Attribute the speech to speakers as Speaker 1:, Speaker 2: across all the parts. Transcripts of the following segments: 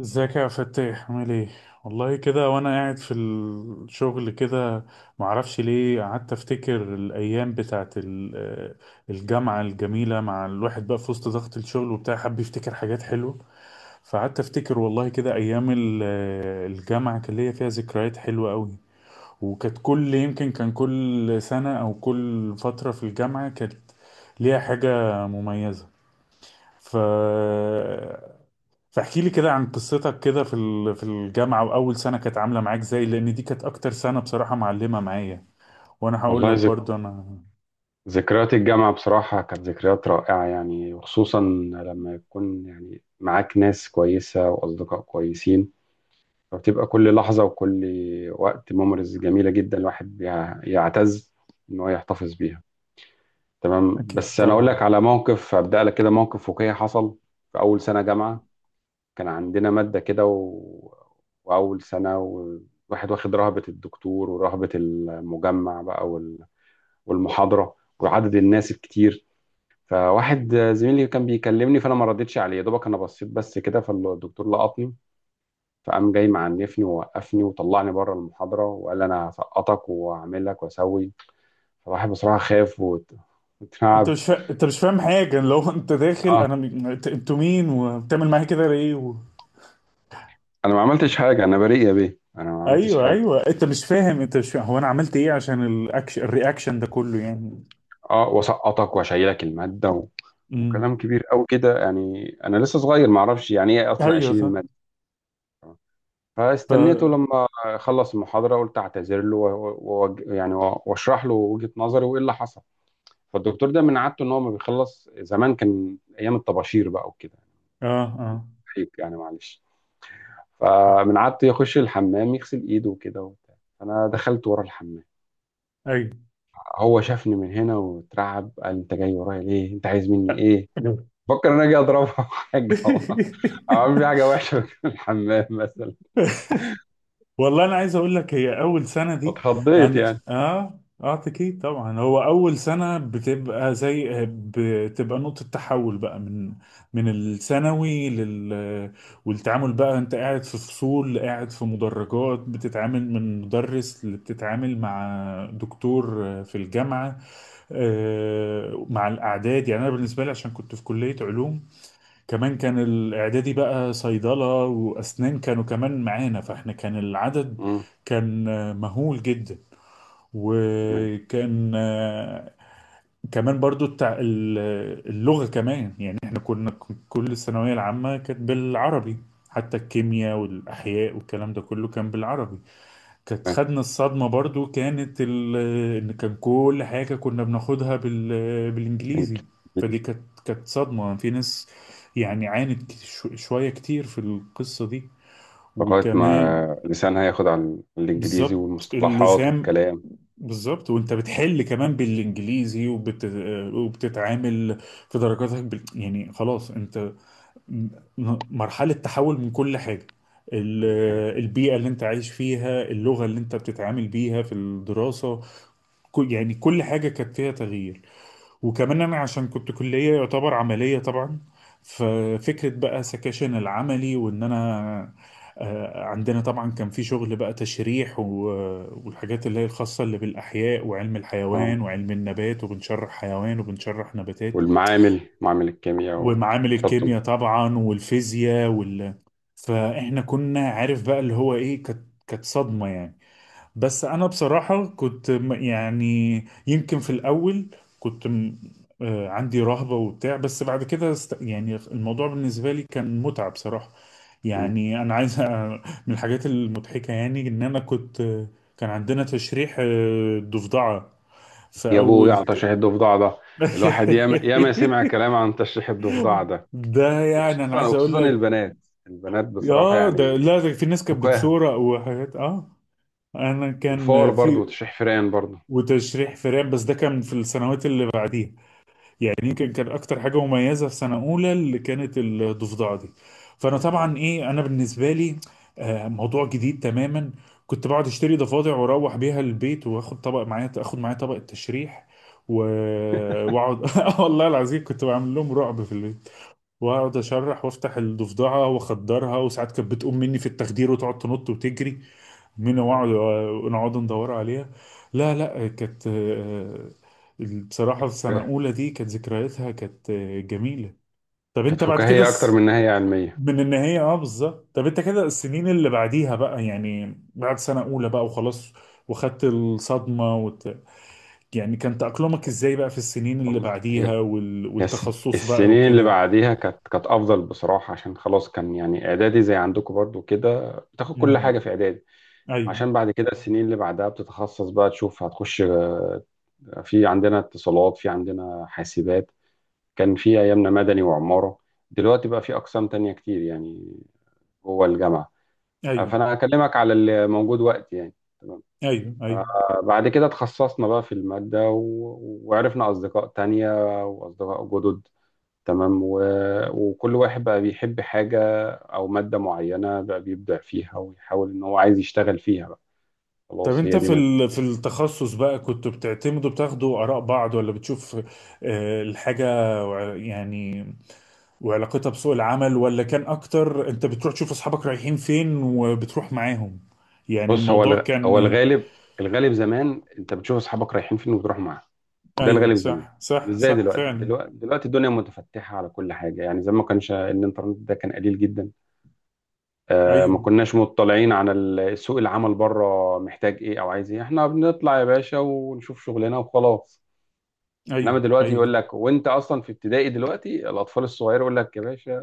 Speaker 1: ازيك يا فتاح؟ عامل ايه؟ والله كده وانا قاعد في الشغل كده، معرفش ليه قعدت افتكر الايام بتاعت الجامعة الجميلة. مع الواحد بقى في وسط ضغط الشغل وبتاع حب يفتكر حاجات حلوة. فقعدت افتكر والله كده ايام الجامعة، كان ليا فيها ذكريات حلوة قوي. وكانت كل، يمكن كان كل سنة او كل فترة في الجامعة كانت ليها حاجة مميزة. ف فاحكي لي كده عن قصتك كده في في الجامعة، وأول سنة كانت عاملة معاك ازاي؟ لأن دي كانت أكتر سنة بصراحة معلمة معايا، وأنا هقول
Speaker 2: والله
Speaker 1: لك برضو أنا.
Speaker 2: ذكريات الجامعة بصراحة كانت ذكريات رائعة، يعني وخصوصا لما يكون يعني معاك ناس كويسة وأصدقاء كويسين. فبتبقى كل لحظة وكل وقت ميموريز جميلة جدا، الواحد يعتز إن هو يحتفظ بيها. تمام،
Speaker 1: أكيد
Speaker 2: بس أنا أقول لك
Speaker 1: طبعا.
Speaker 2: على موقف، أبدأ لك كده موقف واقعي حصل في أول سنة جامعة. كان عندنا مادة كده وأول سنة، والواحد واخد رهبة الدكتور ورهبة المجمع بقى والمحاضرة وعدد الناس الكتير. فواحد زميلي كان بيكلمني، فانا ما ردتش عليه، يا دوبك انا بصيت بس كده، فالدكتور لقطني. فقام جاي معنفني ووقفني وطلعني بره المحاضره، وقال لي انا هسقطك وهعمل لك واسوي. فالواحد بصراحه خاف وتعب.
Speaker 1: أنت مش فاهم حاجة لو أنت داخل؟
Speaker 2: اه،
Speaker 1: أنتوا مين؟ وبتعمل معايا كده ليه و...؟
Speaker 2: انا ما عملتش حاجه، انا بريء يا بيه، انا ما عملتش
Speaker 1: أيوه
Speaker 2: حاجه.
Speaker 1: أيوه، أنت مش فاهم هو أنا عملت إيه عشان الأكشن الرياكشن ده كله يعني؟
Speaker 2: اه واسقطك واشيلك الماده
Speaker 1: امم
Speaker 2: وكلام كبير قوي كده يعني، انا لسه صغير ما اعرفش يعني ايه اصلا
Speaker 1: أيوه
Speaker 2: اشيل
Speaker 1: صح.
Speaker 2: الماده.
Speaker 1: ف
Speaker 2: فاستنيته
Speaker 1: آه
Speaker 2: لما خلص المحاضره، قلت اعتذر له واشرح له وجهه نظري وايه اللي حصل. فالدكتور ده من عادته ان هو ما بيخلص، زمان كان ايام الطباشير بقى وكده،
Speaker 1: آه.
Speaker 2: حيك يعني معلش. فمن عادته يخش الحمام يغسل ايده وكده وبتاع. فانا دخلت ورا الحمام، هو شافني من هنا واترعب، قال انت جاي ورايا ليه؟ انت عايز مني ايه؟
Speaker 1: أيوه.
Speaker 2: فكر ان انا اجي اضربه أو حاجه، أو اعمل فيه حاجه وحشه في الحمام مثلا.
Speaker 1: والله انا عايز اقول لك، هي اول سنه دي
Speaker 2: اتخضيت
Speaker 1: انا،
Speaker 2: يعني.
Speaker 1: اكيد طبعا، هو اول سنه بتبقى، زي بتبقى نقطه تحول بقى من، من الثانوي لل، والتعامل بقى انت قاعد في فصول، قاعد في مدرجات، بتتعامل من مدرس اللي بتتعامل مع دكتور في الجامعه. مع الاعداد، يعني انا بالنسبه لي عشان كنت في كليه علوم، كمان كان الإعدادي بقى صيدلة وأسنان كانوا كمان معانا، فإحنا كان العدد
Speaker 2: امم
Speaker 1: كان مهول جدا.
Speaker 2: تمام،
Speaker 1: وكان كمان برضو اللغة، كمان يعني إحنا كنا كل الثانوية العامة كانت بالعربي، حتى الكيمياء والأحياء والكلام ده كله كان بالعربي. كانت
Speaker 2: تمام.
Speaker 1: خدنا الصدمة برضو ان كان كل حاجة كنا بناخدها
Speaker 2: انت
Speaker 1: بالانجليزي. فدي كانت صدمة في ناس، يعني عانت شوية كتير في القصة دي.
Speaker 2: لغايه
Speaker 1: وكمان،
Speaker 2: ما لسانها ياخد على الانجليزي
Speaker 1: بالظبط
Speaker 2: والمصطلحات
Speaker 1: اللسان،
Speaker 2: والكلام
Speaker 1: بالظبط. وانت بتحل كمان بالانجليزي، وبتتعامل في درجاتك بال، يعني خلاص انت م- مرحلة تحول من كل حاجة، ال-
Speaker 2: وكل حاجه، فاهم.
Speaker 1: البيئة اللي انت عايش فيها، اللغة اللي انت بتتعامل بيها في الدراسة، يعني كل حاجة كانت فيها تغيير. وكمان أنا عشان كنت كلية يعتبر عملية طبعا، ففكرة بقى سكاشن العملي، وإن أنا عندنا طبعا كان في شغل بقى تشريح والحاجات اللي هي الخاصة اللي بالأحياء، وعلم
Speaker 2: اه،
Speaker 1: الحيوان وعلم النبات، وبنشرح حيوان وبنشرح نباتات،
Speaker 2: والمعامل، معامل الكيمياء
Speaker 1: ومعامل الكيمياء
Speaker 2: وتحطهم.
Speaker 1: طبعا، والفيزياء فاحنا كنا عارف بقى اللي هو ايه، كانت صدمة يعني. بس انا بصراحة كنت يعني يمكن في الاول كنت عندي رهبة وبتاع، بس بعد كده يعني الموضوع بالنسبة لي كان متعة بصراحة.
Speaker 2: مم.
Speaker 1: يعني انا عايز من الحاجات المضحكة يعني ان انا كنت، كان عندنا تشريح ضفدعة في
Speaker 2: يا ابو يا
Speaker 1: اول.
Speaker 2: على تشريح الضفدع ده، الواحد ياما ياما سمع كلام عن تشريح الضفدع ده.
Speaker 1: ده يعني انا
Speaker 2: وخصوصا
Speaker 1: عايز اقول
Speaker 2: وخصوصا
Speaker 1: لك،
Speaker 2: البنات، البنات بصراحة
Speaker 1: اه
Speaker 2: يعني
Speaker 1: ده لا، ده في ناس كانت
Speaker 2: فكاهة.
Speaker 1: بتصورة وحاجات، اه انا
Speaker 2: والفار
Speaker 1: كان
Speaker 2: برضو،
Speaker 1: في،
Speaker 2: وتشريح فرقان برضو.
Speaker 1: وتشريح فئران بس ده كان في السنوات اللي بعديها. يعني
Speaker 2: آه،
Speaker 1: يمكن كان اكتر حاجة مميزة في سنة اولى اللي كانت الضفدعة دي. فانا
Speaker 2: الضفدع.
Speaker 1: طبعا ايه، انا بالنسبة لي آه موضوع جديد تماما. كنت بقعد اشتري ضفادع واروح بيها البيت، واخد طبق معايا، اخد معايا طبق التشريح واقعد. والله العظيم كنت بعمل لهم رعب في البيت، واقعد اشرح وافتح الضفدعه واخدرها، وساعات كانت بتقوم مني في التخدير وتقعد تنط وتجري
Speaker 2: يا
Speaker 1: مني،
Speaker 2: نهار
Speaker 1: واقعد
Speaker 2: أبيض.
Speaker 1: نقعد ندور عليها. لا لا، كانت بصراحه
Speaker 2: كانت
Speaker 1: في سنه
Speaker 2: فكاهة،
Speaker 1: اولى دي كانت ذكرياتها كانت جميله. طب
Speaker 2: كانت
Speaker 1: انت بعد كده
Speaker 2: فكاهية أكتر من إن هي علمية.
Speaker 1: من النهايه، اه بالظبط. طب انت كده السنين اللي بعديها بقى، يعني بعد سنه اولى بقى وخلاص، وخدت الصدمه يعني كان تأقلمك ازاي بقى في السنين اللي
Speaker 2: والله هي،
Speaker 1: بعديها والتخصص بقى
Speaker 2: السنين اللي
Speaker 1: وكده؟
Speaker 2: بعديها كانت كانت أفضل بصراحة، عشان خلاص كان يعني إعدادي زي عندكم برضو كده، بتاخد كل حاجة
Speaker 1: امم
Speaker 2: في إعدادي.
Speaker 1: ايوه
Speaker 2: عشان بعد كده السنين اللي بعدها بتتخصص بقى، تشوف هتخش آه، في عندنا اتصالات، في عندنا حاسبات. كان في ايامنا مدني وعمارة، دلوقتي بقى في اقسام تانية كتير يعني جوه الجامعة. آه،
Speaker 1: ايوه
Speaker 2: فانا هكلمك على اللي موجود وقت يعني. تمام.
Speaker 1: ايوه ايوه.
Speaker 2: آه، بعد كده اتخصصنا بقى في المادة وعرفنا اصدقاء تانية واصدقاء جدد. تمام، وكل واحد بقى بيحب حاجة او مادة معينة، بقى بيبدع فيها ويحاول ان هو عايز يشتغل فيها بقى.
Speaker 1: طب
Speaker 2: خلاص،
Speaker 1: انت
Speaker 2: هي
Speaker 1: في
Speaker 2: دي.
Speaker 1: ال- في التخصص بقى كنت بتعتمدوا بتاخدوا اراء بعض ولا بتشوف آه، الحاجه وع- يعني وعلاقتها بسوق العمل ولا كان اكتر انت بتروح تشوف اصحابك رايحين فين وبتروح معاهم يعني
Speaker 2: بص،
Speaker 1: الموضوع
Speaker 2: هو
Speaker 1: كان
Speaker 2: الغالب، الغالب زمان انت بتشوف اصحابك رايحين فين وبتروح معاهم. ده
Speaker 1: ايوه
Speaker 2: الغالب زمان،
Speaker 1: صح
Speaker 2: مش
Speaker 1: صح
Speaker 2: زي
Speaker 1: صح
Speaker 2: دلوقتي.
Speaker 1: فعلا
Speaker 2: دلوقتي الدنيا متفتحه على كل حاجه يعني، زمان ما كانش الانترنت، ده كان قليل جدا. آه،
Speaker 1: ايوه
Speaker 2: ما كناش مطلعين على سوق العمل بره محتاج ايه او عايز ايه، احنا بنطلع يا باشا ونشوف شغلنا وخلاص. انما
Speaker 1: ايوه
Speaker 2: دلوقتي
Speaker 1: ايوه
Speaker 2: يقول لك وانت اصلا في ابتدائي دلوقتي، الاطفال الصغيره، يقول لك يا باشا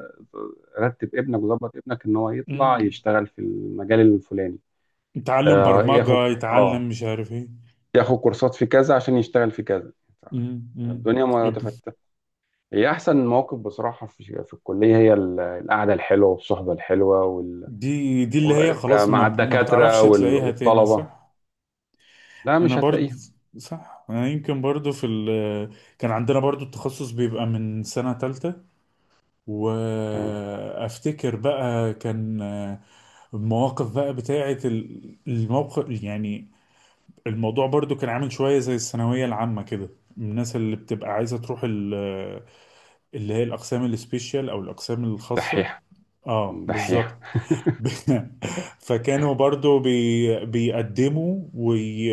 Speaker 2: رتب ابنك وظبط ابنك ان هو يطلع
Speaker 1: امم
Speaker 2: يشتغل في المجال الفلاني.
Speaker 1: يتعلم
Speaker 2: آه، ياخد،
Speaker 1: برمجة،
Speaker 2: اه
Speaker 1: يتعلم مش عارف ايه.
Speaker 2: ياخد كورسات في كذا عشان يشتغل في كذا.
Speaker 1: أمم.
Speaker 2: الدنيا
Speaker 1: اب-
Speaker 2: متفتحة. هي أحسن مواقف بصراحة في، في الكلية، هي القعدة الحلوة والصحبة الحلوة
Speaker 1: دي اللي هي خلاص،
Speaker 2: مع
Speaker 1: ما بتعرفش
Speaker 2: الدكاترة
Speaker 1: تلاقيها تاني
Speaker 2: والطلبة.
Speaker 1: صح؟
Speaker 2: لا،
Speaker 1: انا
Speaker 2: مش
Speaker 1: برضه،
Speaker 2: هتلاقيها.
Speaker 1: صح. انا يمكن برضه في ال كان عندنا برضه التخصص بيبقى من سنة تالتة.
Speaker 2: تمام.
Speaker 1: وافتكر بقى كان المواقف بقى بتاعة الموقف، يعني الموضوع برضه كان عامل شوية زي الثانوية العامة كده. الناس اللي بتبقى عايزة تروح اللي هي الأقسام السبيشال أو الأقسام الخاصة،
Speaker 2: دحيحة،
Speaker 1: اه
Speaker 2: دحيحة.
Speaker 1: بالظبط. ب- فكانوا برضو بيقدموا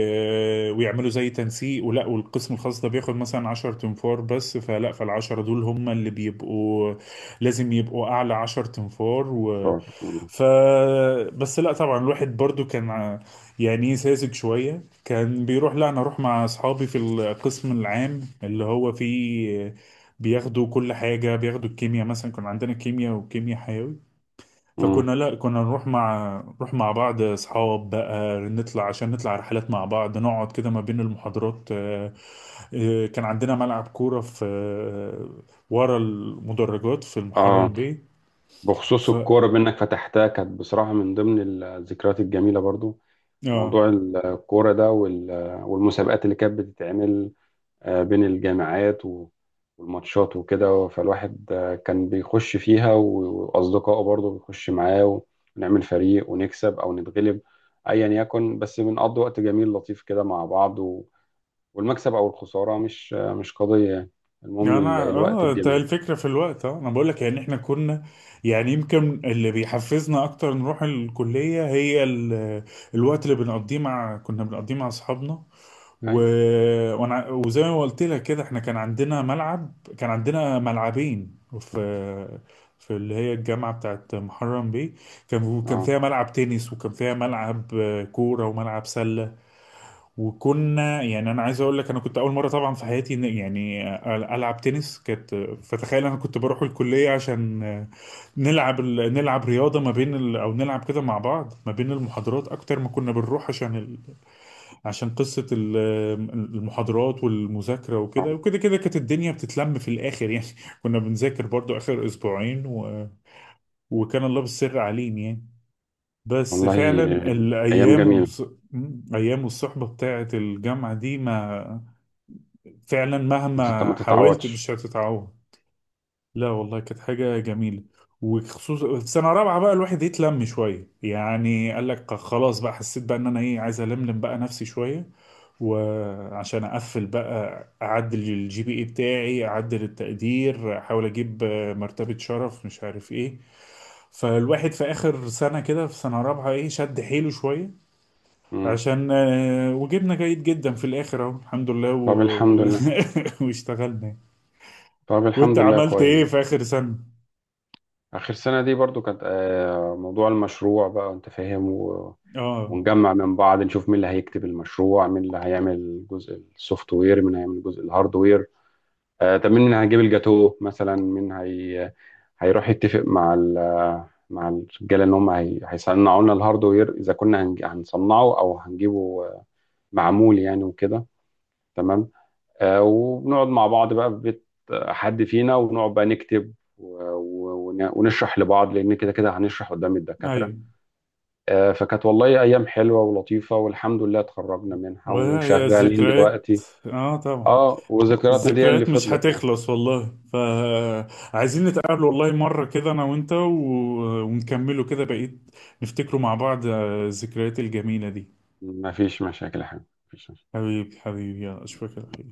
Speaker 1: ويعملوا زي تنسيق ولا، والقسم الخاص ده بياخد مثلا 10 تنفار بس، فالعشرة دول هم اللي بيبقوا لازم يبقوا أعلى 10 تنفار و...
Speaker 2: مم.
Speaker 1: ف، بس لا طبعا الواحد برضو كان يعني ساذج شوية، كان بيروح لا أنا أروح مع أصحابي في القسم العام اللي هو فيه بياخدوا كل حاجة، بياخدوا الكيمياء مثلا، كان عندنا كيمياء وكيمياء حيوي.
Speaker 2: مم.
Speaker 1: فكنا لا كنا نروح مع، نروح مع بعض اصحاب بقى، نطلع عشان نطلع رحلات مع بعض، نقعد كده ما بين المحاضرات. كان عندنا ملعب كورة في ورا المدرجات في
Speaker 2: اه،
Speaker 1: المحرم بيه.
Speaker 2: بخصوص
Speaker 1: ف
Speaker 2: الكورة بأنك فتحتها، كانت بصراحة من ضمن الذكريات الجميلة برضو.
Speaker 1: اه
Speaker 2: موضوع الكورة ده والمسابقات اللي كانت بتتعمل آه، بين الجامعات والماتشات وكده. فالواحد آه، كان بيخش فيها وأصدقائه برضه بيخش معاه، ونعمل فريق ونكسب أو نتغلب، أيا يكن. بس بنقضي وقت جميل لطيف كده مع بعض، والمكسب أو الخسارة مش آه، مش قضية يعني.
Speaker 1: يعني
Speaker 2: المهم
Speaker 1: انا،
Speaker 2: الوقت
Speaker 1: اه ده
Speaker 2: الجميل.
Speaker 1: الفكرة في الوقت، اه انا بقول لك يعني احنا كنا، يعني يمكن اللي بيحفزنا اكتر نروح الكلية هي الوقت اللي بنقضيه مع، كنا بنقضيه مع اصحابنا. و...
Speaker 2: أي.
Speaker 1: وانا وزي ما قلت لك كده، احنا كان عندنا ملعب، كان عندنا ملعبين في، في اللي هي الجامعة بتاعت محرم بيه. كان
Speaker 2: أه.
Speaker 1: فيها ملعب تنس، وكان فيها ملعب كورة وملعب سلة. وكنا، يعني انا عايز اقول لك انا كنت اول مرة طبعا في حياتي يعني العب تنس كانت. فتخيل انا كنت بروح الكلية عشان نلعب نلعب رياضة ما بين او نلعب كده مع بعض ما بين المحاضرات، اكتر ما كنا بنروح عشان، عشان قصة المحاضرات والمذاكرة
Speaker 2: آه.
Speaker 1: وكده وكده، كده كانت الدنيا بتتلم في الآخر يعني. كنا بنذاكر برضو آخر أسبوعين، و... وكان الله بالسر عليم يعني. بس
Speaker 2: والله
Speaker 1: فعلا
Speaker 2: آه، أيام
Speaker 1: الأيام
Speaker 2: جميلة.
Speaker 1: أيام والصحبة بتاعة الجامعة دي، ما فعلا
Speaker 2: ما
Speaker 1: مهما حاولت
Speaker 2: تتعوضش.
Speaker 1: مش هتتعوض. لا والله كانت حاجة جميلة. وخصوصا في سنة رابعة بقى الواحد يتلم شوية، يعني قال لك خلاص بقى، حسيت بقى ان انا ايه عايز الملم بقى نفسي شوية، وعشان اقفل بقى اعدل الجي بي اي بتاعي، اعدل التقدير، احاول اجيب مرتبة شرف مش عارف ايه. فالواحد في اخر سنة كده، في سنة رابعة ايه شد حيله شوية،
Speaker 2: مم.
Speaker 1: عشان وجبنا جيد جدا في الاخر اهو الحمد لله. و...
Speaker 2: طب الحمد لله،
Speaker 1: واشتغلنا يعني.
Speaker 2: طب
Speaker 1: وانت
Speaker 2: الحمد لله
Speaker 1: عملت ايه
Speaker 2: كويس.
Speaker 1: في اخر سنة؟
Speaker 2: آخر سنة دي برضو كانت آه، موضوع المشروع بقى أنت فاهم.
Speaker 1: اه.
Speaker 2: ونجمع من بعض نشوف مين اللي هيكتب المشروع، مين اللي هيعمل الجزء السوفت وير، مين هيعمل الجزء الهاردوير. آه طب مين اللي هيجيب الجاتو مثلا، مين هي هيروح يتفق مع مع الرجاله ان هم هيصنعوا لنا الهاردوير، اذا كنا هنصنعه او هنجيبه آه، معمول يعني وكده. تمام. آه وبنقعد مع بعض بقى في بيت آه، حد فينا، ونقعد بقى نكتب ونشرح لبعض، لان كده كده هنشرح قدام الدكاتره.
Speaker 1: ايوه.
Speaker 2: آه، فكانت والله ايام حلوه ولطيفه، والحمد لله اتخرجنا منها
Speaker 1: وهي
Speaker 2: وشغالين
Speaker 1: الذكريات.
Speaker 2: دلوقتي.
Speaker 1: اه طبعا.
Speaker 2: اه، وذكرياتنا دي اللي
Speaker 1: الذكريات مش
Speaker 2: فضلت يعني.
Speaker 1: هتخلص والله، فعايزين نتقابل والله مرة كده انا وانت، و... ونكمله كده بقيت، نفتكره مع بعض الذكريات الجميلة دي.
Speaker 2: ما فيش مشاكل يا حبيبي، مفيش
Speaker 1: حبيبي حبيبي، يا اشوفك على
Speaker 2: مشاكل.
Speaker 1: خير.